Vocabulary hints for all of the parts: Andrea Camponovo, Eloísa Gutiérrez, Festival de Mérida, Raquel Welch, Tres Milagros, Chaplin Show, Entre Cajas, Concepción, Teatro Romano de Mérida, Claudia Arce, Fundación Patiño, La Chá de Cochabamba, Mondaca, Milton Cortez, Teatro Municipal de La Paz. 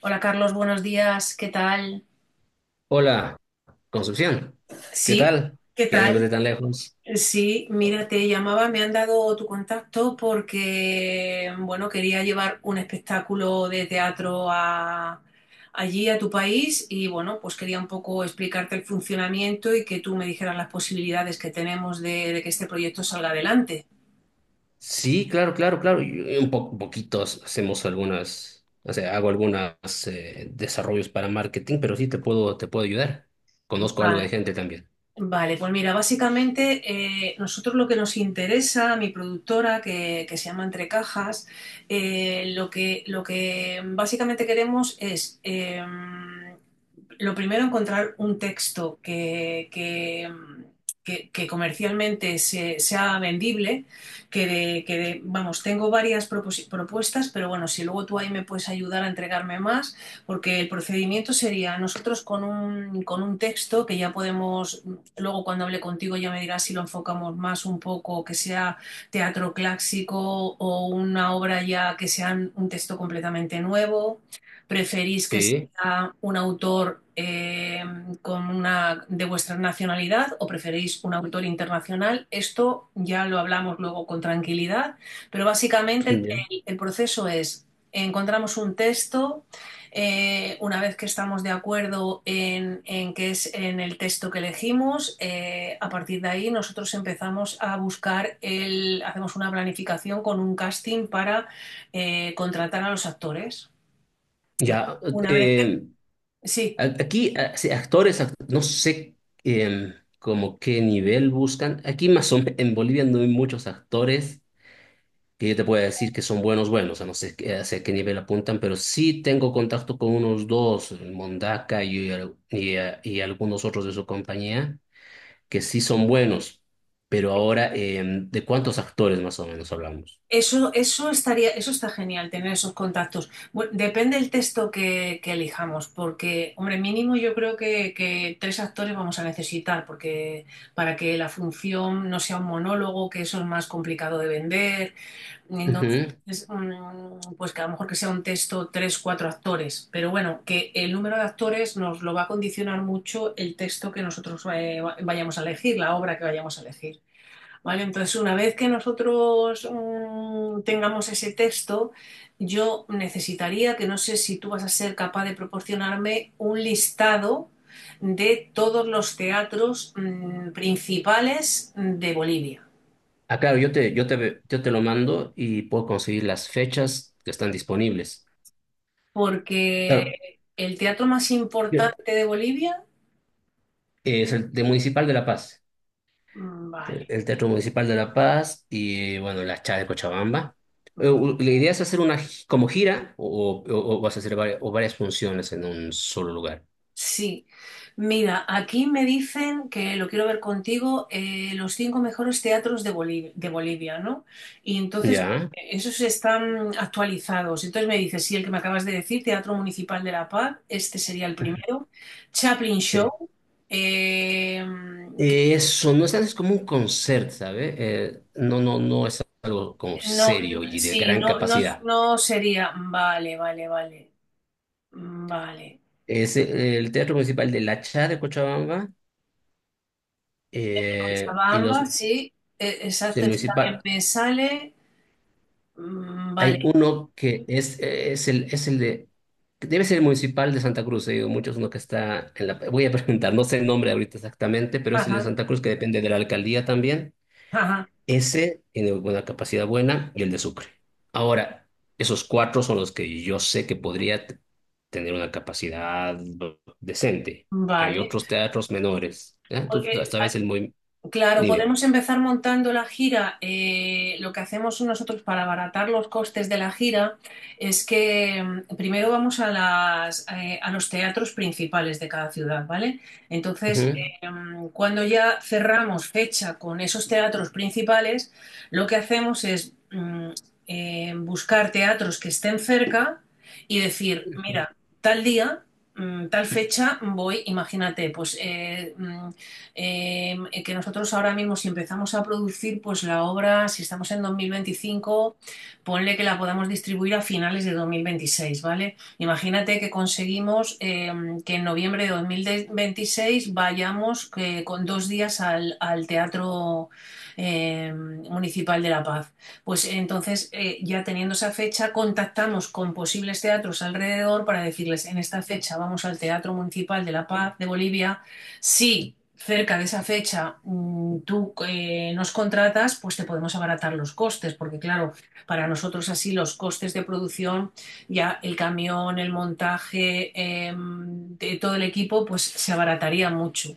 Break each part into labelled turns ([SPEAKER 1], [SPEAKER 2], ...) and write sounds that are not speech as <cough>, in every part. [SPEAKER 1] Hola Carlos, buenos días, ¿qué tal?
[SPEAKER 2] Hola, Concepción. ¿Qué
[SPEAKER 1] Sí,
[SPEAKER 2] tal?
[SPEAKER 1] ¿qué
[SPEAKER 2] ¿Qué me ves de
[SPEAKER 1] tal?
[SPEAKER 2] tan lejos?
[SPEAKER 1] Sí, mira, te llamaba, me han dado tu contacto porque, bueno, quería llevar un espectáculo de teatro allí, a tu país, y bueno, pues quería un poco explicarte el funcionamiento y que tú me dijeras las posibilidades que tenemos de que este proyecto salga adelante.
[SPEAKER 2] Sí, claro, claro, claro. Y poquitos hacemos algunas, o sea, hago algunos desarrollos para marketing, pero sí te puedo ayudar. Conozco algo de
[SPEAKER 1] Vale.
[SPEAKER 2] gente también.
[SPEAKER 1] Vale, pues mira, básicamente nosotros lo que nos interesa, mi productora que se llama Entre Cajas, lo que básicamente queremos es, lo primero, encontrar un texto que comercialmente sea vendible, vamos, tengo varias propuestas, pero bueno, si luego tú ahí me puedes ayudar a entregarme más. Porque el procedimiento sería nosotros con un texto que ya podemos. Luego cuando hable contigo ya me dirás si lo enfocamos más un poco, que sea teatro clásico o una obra ya que sea un texto completamente nuevo. ¿Preferís que
[SPEAKER 2] Sí,
[SPEAKER 1] sea un autor de vuestra nacionalidad o preferís un autor internacional? Esto ya lo hablamos luego con tranquilidad, pero básicamente el,
[SPEAKER 2] ya.
[SPEAKER 1] el- el proceso es, encontramos un texto una vez que estamos de acuerdo en qué es en el texto que elegimos, a partir de ahí nosotros empezamos a buscar hacemos una planificación con un casting para contratar a los actores.
[SPEAKER 2] Ya,
[SPEAKER 1] Una vez que,
[SPEAKER 2] eh,
[SPEAKER 1] sí.
[SPEAKER 2] sí, no sé eh, como qué nivel buscan. Aquí más o menos, en Bolivia no hay muchos actores que yo te pueda decir que son buenos, buenos, a no sé hacia qué nivel apuntan, pero sí tengo contacto con unos dos, el Mondaca y algunos otros de su compañía, que sí son buenos, pero ahora, ¿de cuántos actores más o menos hablamos?
[SPEAKER 1] Eso estaría, eso está genial, tener esos contactos. Bueno, depende del texto que elijamos, porque, hombre, mínimo yo creo que tres actores vamos a necesitar, porque para que la función no sea un monólogo, que eso es más complicado de vender.
[SPEAKER 2] Ujú.
[SPEAKER 1] Entonces, pues que a lo mejor que sea un texto tres, cuatro actores. Pero bueno, que el número de actores nos lo va a condicionar mucho el texto que nosotros vayamos a elegir, la obra que vayamos a elegir. Vale, entonces una vez que nosotros tengamos ese texto, yo necesitaría, que no sé si tú vas a ser capaz de proporcionarme un listado de todos los teatros principales de Bolivia,
[SPEAKER 2] Ah, claro, yo te lo mando y puedo conseguir las fechas que están disponibles.
[SPEAKER 1] porque
[SPEAKER 2] Claro,
[SPEAKER 1] el teatro más
[SPEAKER 2] bien.
[SPEAKER 1] importante de Bolivia,
[SPEAKER 2] Es el de Municipal de La Paz.
[SPEAKER 1] vale,
[SPEAKER 2] Eh, el Teatro Municipal de La Paz y, bueno, la Chá de Cochabamba. La
[SPEAKER 1] vale.
[SPEAKER 2] idea es hacer como gira o, o vas a hacer varias, o varias funciones en un solo lugar.
[SPEAKER 1] Sí, mira, aquí me dicen que lo quiero ver contigo, los cinco mejores teatros de Bolivia, ¿no? Y entonces
[SPEAKER 2] Ya,
[SPEAKER 1] esos están actualizados. Entonces me dices, sí, el que me acabas de decir, Teatro Municipal de La Paz, este sería el primero. Chaplin
[SPEAKER 2] sí.
[SPEAKER 1] Show, eh, que
[SPEAKER 2] Eso, no es, es como un concert, ¿sabes? No, no, no es algo como
[SPEAKER 1] no,
[SPEAKER 2] serio y de
[SPEAKER 1] sí,
[SPEAKER 2] gran
[SPEAKER 1] no, no,
[SPEAKER 2] capacidad.
[SPEAKER 1] no sería, vale, vale, vale, vale.
[SPEAKER 2] Es el Teatro Municipal de La Chá de Cochabamba y
[SPEAKER 1] Cochabamba,
[SPEAKER 2] los
[SPEAKER 1] sí,
[SPEAKER 2] sí,
[SPEAKER 1] exacto, este también
[SPEAKER 2] municipal.
[SPEAKER 1] me sale. Mm, vale.
[SPEAKER 2] Hay uno que es el de, que debe ser el municipal de Santa Cruz, he oído muchos, uno que está en la, voy a <laughs> preguntar, no sé el nombre ahorita exactamente, pero es el de
[SPEAKER 1] Ajá.
[SPEAKER 2] Santa Cruz que depende de la alcaldía también.
[SPEAKER 1] Ajá,
[SPEAKER 2] Ese tiene una capacidad buena y el de Sucre. Ahora, esos cuatro son los que yo sé que tener una capacidad decente. Hay
[SPEAKER 1] vale.
[SPEAKER 2] otros teatros menores, ¿eh?
[SPEAKER 1] Porque
[SPEAKER 2] Esta vez el muy,
[SPEAKER 1] Claro,
[SPEAKER 2] dime.
[SPEAKER 1] podemos empezar montando la gira. Lo que hacemos nosotros para abaratar los costes de la gira es que primero vamos a los teatros principales de cada ciudad, ¿vale? Entonces,
[SPEAKER 2] Ujú.
[SPEAKER 1] cuando ya cerramos fecha con esos teatros principales, lo que hacemos es buscar teatros que estén cerca y decir, mira, tal día, tal fecha voy, imagínate, pues que nosotros ahora mismo si empezamos a producir, pues la obra, si estamos en 2025, ponle que la podamos distribuir a finales de 2026, ¿vale? Imagínate que conseguimos que en noviembre de 2026 vayamos con dos días al Teatro eh, Municipal de La Paz. Pues entonces, ya teniendo esa fecha, contactamos con posibles teatros alrededor para decirles, en esta fecha vamos al Teatro Municipal de La Paz de Bolivia, sí cerca de esa fecha tú nos contratas, pues te podemos abaratar los costes, porque claro, para nosotros así los costes de producción, ya el camión, el montaje, de todo el equipo, pues se abarataría mucho.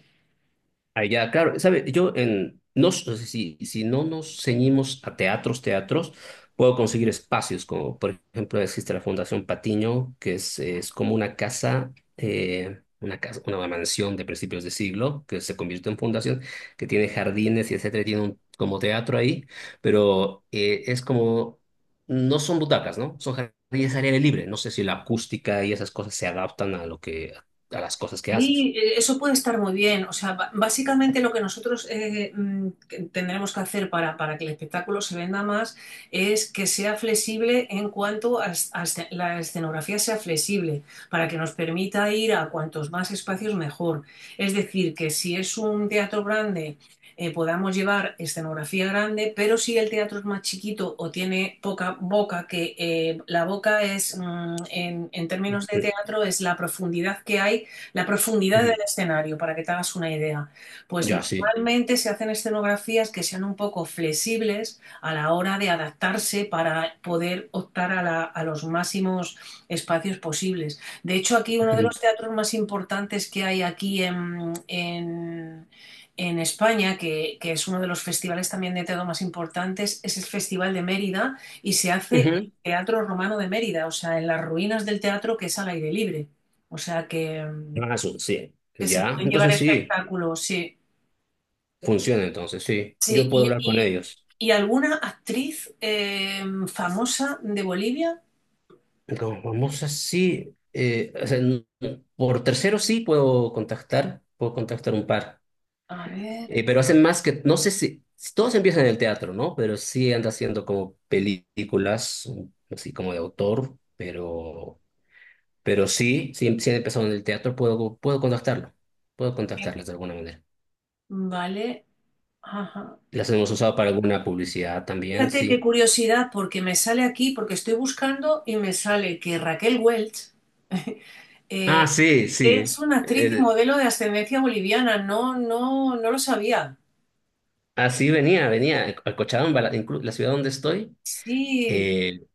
[SPEAKER 2] Allá, claro, sabe, yo en si, si no nos ceñimos a teatros, puedo conseguir espacios como, por ejemplo, existe la Fundación Patiño, que es como una casa, una casa, una mansión de principios de siglo que se convirtió en fundación, que tiene jardines y etcétera, y tiene un, como teatro ahí, pero es como no son butacas, ¿no? Son jardines al aire libre. No sé si la acústica y esas cosas se adaptan a lo que a las cosas que haces.
[SPEAKER 1] Sí, eso puede estar muy bien. O sea, básicamente lo que nosotros que tendremos que hacer para que el espectáculo se venda más es que sea flexible en cuanto a, es- a esce- la escenografía sea flexible, para que nos permita ir a cuantos más espacios mejor. Es decir, que si es un teatro grande, podamos llevar escenografía grande, pero si el teatro es más chiquito o tiene poca boca, que la boca es, en términos de
[SPEAKER 2] Mm,
[SPEAKER 1] teatro, es la profundidad que hay la profundidad del
[SPEAKER 2] ujú.
[SPEAKER 1] escenario, para que te hagas una idea. Pues
[SPEAKER 2] Ya, sí.
[SPEAKER 1] normalmente se hacen escenografías que sean un poco flexibles a la hora de adaptarse para poder optar a los máximos espacios posibles. De hecho, aquí uno de los teatros más importantes que hay aquí en España, que es uno de los festivales también de teatro más importantes, es el Festival de Mérida y se hace en el
[SPEAKER 2] Ujú.
[SPEAKER 1] Teatro Romano de Mérida, o sea, en las ruinas del teatro que es al aire libre. O sea que,
[SPEAKER 2] Amazon, sí.
[SPEAKER 1] que
[SPEAKER 2] Pues
[SPEAKER 1] se
[SPEAKER 2] ya,
[SPEAKER 1] pueden llevar
[SPEAKER 2] entonces sí,
[SPEAKER 1] espectáculos, sí.
[SPEAKER 2] funciona entonces, sí.
[SPEAKER 1] Sí,
[SPEAKER 2] Yo puedo
[SPEAKER 1] y,
[SPEAKER 2] hablar con
[SPEAKER 1] y-
[SPEAKER 2] ellos.
[SPEAKER 1] y alguna actriz famosa de Bolivia.
[SPEAKER 2] No, vamos así. O sea, por tercero sí puedo contactar un par.
[SPEAKER 1] A ver,
[SPEAKER 2] Pero hacen más que, no sé si, si todos empiezan en el teatro, ¿no? Pero sí anda haciendo como películas, así como de autor, pero sí, sí, sí han empezado en el teatro, puedo, puedo contactarlo, puedo
[SPEAKER 1] eh,
[SPEAKER 2] contactarlas de alguna manera.
[SPEAKER 1] vale. Ajá.
[SPEAKER 2] Las hemos usado para alguna publicidad también,
[SPEAKER 1] Fíjate qué
[SPEAKER 2] sí.
[SPEAKER 1] curiosidad, porque me sale aquí, porque estoy buscando y me sale que Raquel Welch <laughs> eh,
[SPEAKER 2] Ah, sí, sí.
[SPEAKER 1] es una actriz y modelo de ascendencia boliviana. No, no, no lo sabía.
[SPEAKER 2] Así venía, venía a Cochabamba, la, la ciudad donde estoy.
[SPEAKER 1] Sí,
[SPEAKER 2] Eh,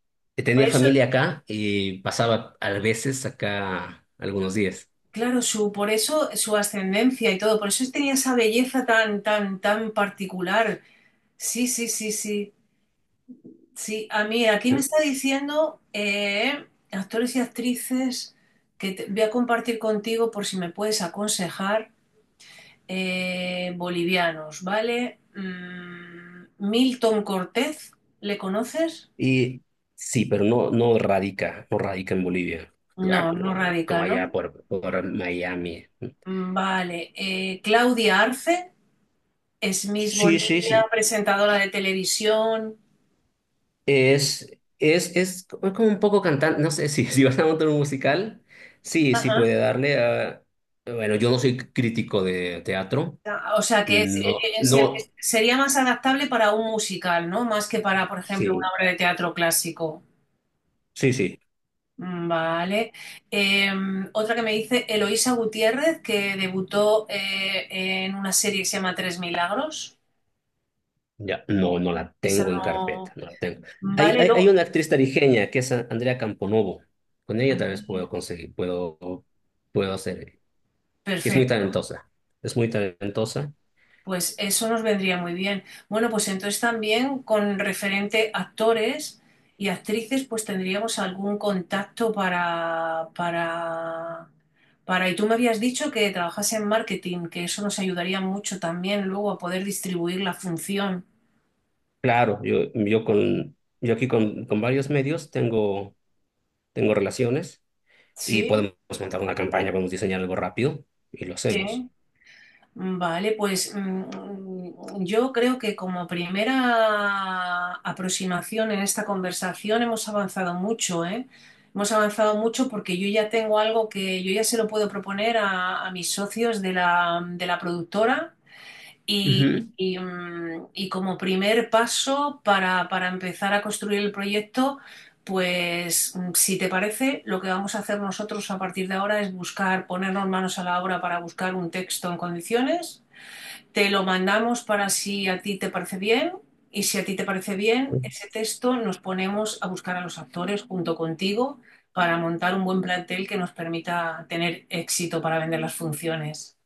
[SPEAKER 1] por
[SPEAKER 2] tenía
[SPEAKER 1] eso,
[SPEAKER 2] familia acá y pasaba a veces acá algunos días.
[SPEAKER 1] claro, por eso su ascendencia y todo, por eso tenía esa belleza tan, tan, tan particular. Sí, sí, sí, sí. Sí, a mí aquí me está diciendo actores y actrices voy a compartir contigo por si me puedes aconsejar bolivianos, ¿vale? Milton Cortez, ¿le conoces?
[SPEAKER 2] Y sí, pero no, no radica, no radica en Bolivia. Ah,
[SPEAKER 1] No, no
[SPEAKER 2] como,
[SPEAKER 1] radica,
[SPEAKER 2] como allá
[SPEAKER 1] ¿no?
[SPEAKER 2] por Miami.
[SPEAKER 1] Mm, vale. Claudia Arce es Miss
[SPEAKER 2] Sí, sí,
[SPEAKER 1] Bolivia,
[SPEAKER 2] sí.
[SPEAKER 1] presentadora de televisión.
[SPEAKER 2] Es, es como como un poco cantante, no sé, si, <laughs> si vas a montar un musical, sí, sí puede darle a... Bueno, yo no soy crítico de teatro.
[SPEAKER 1] Ah, o sea que
[SPEAKER 2] No, no,
[SPEAKER 1] sería más adaptable para un musical, ¿no? Más que para, por ejemplo,
[SPEAKER 2] sí,
[SPEAKER 1] una obra de teatro clásico.
[SPEAKER 2] sí, sí,
[SPEAKER 1] Mm, vale. Eh, Otra que me dice Eloísa Gutiérrez, que debutó en una serie que se llama Tres Milagros.
[SPEAKER 2] ya, no, no la tengo en carpeta,
[SPEAKER 1] No,
[SPEAKER 2] no la tengo. Hay,
[SPEAKER 1] vale,
[SPEAKER 2] hay, hay una
[SPEAKER 1] luego.
[SPEAKER 2] actriz tarijeña que es Andrea Camponovo, con ella tal vez puedo conseguir, puedo, puedo hacer, es muy
[SPEAKER 1] Perfecto.
[SPEAKER 2] talentosa, es muy talentosa.
[SPEAKER 1] Pues eso nos vendría muy bien. Bueno, pues entonces también con referente actores y actrices, pues tendríamos algún contacto para, para. Y tú me habías dicho que trabajase en marketing, que eso nos ayudaría mucho también luego a poder distribuir la función.
[SPEAKER 2] Claro, yo con, yo aquí con varios medios tengo, tengo relaciones y
[SPEAKER 1] Sí,
[SPEAKER 2] podemos montar una campaña, podemos diseñar algo rápido y lo hacemos.
[SPEAKER 1] sí. Vale, pues yo creo que como primera aproximación en esta conversación hemos avanzado mucho, ¿eh? Hemos avanzado mucho porque yo ya tengo algo que yo ya se lo puedo proponer a mis socios de la productora y,
[SPEAKER 2] Ujú.
[SPEAKER 1] y como primer paso para empezar a construir el proyecto, pues si te parece, lo que vamos a hacer nosotros a partir de ahora es buscar, ponernos manos a la obra para buscar un texto en condiciones. Te lo mandamos para si a ti te parece bien y si a ti te parece bien, ese texto nos ponemos a buscar a los actores junto contigo para montar un buen plantel que nos permita tener éxito para vender las funciones.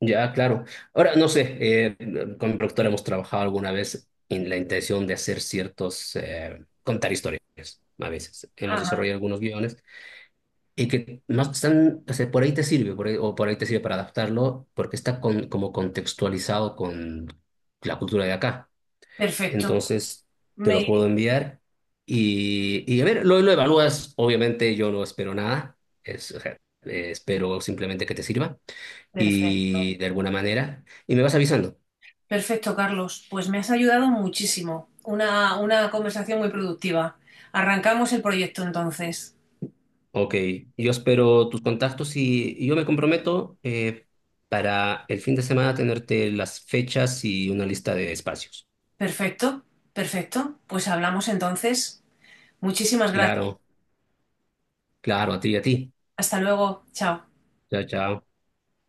[SPEAKER 2] Ya, claro. Ahora, no sé, con mi productor hemos trabajado alguna vez en la intención de hacer ciertos, contar historias, a veces. Hemos
[SPEAKER 1] Ajá,
[SPEAKER 2] desarrollado algunos guiones y que más están, o sea, por ahí te sirve, o por ahí te sirve para adaptarlo, porque está como contextualizado con la cultura de acá.
[SPEAKER 1] perfecto.
[SPEAKER 2] Entonces, te lo puedo
[SPEAKER 1] Me-
[SPEAKER 2] enviar y a ver, lo evalúas. Obviamente, yo no espero nada, es, o sea, espero simplemente que te sirva
[SPEAKER 1] Perfecto.
[SPEAKER 2] y de alguna manera, y me vas avisando.
[SPEAKER 1] Perfecto, Carlos. Pues me has ayudado muchísimo. Una conversación muy productiva. Arrancamos el proyecto entonces.
[SPEAKER 2] Ok, yo espero tus contactos y yo me comprometo para el fin de semana tenerte las fechas y una lista de espacios.
[SPEAKER 1] Perfecto, perfecto. Pues hablamos entonces. Muchísimas gracias.
[SPEAKER 2] Claro, claro, a ti y a ti.
[SPEAKER 1] Hasta luego. Chao.
[SPEAKER 2] Chao, chao.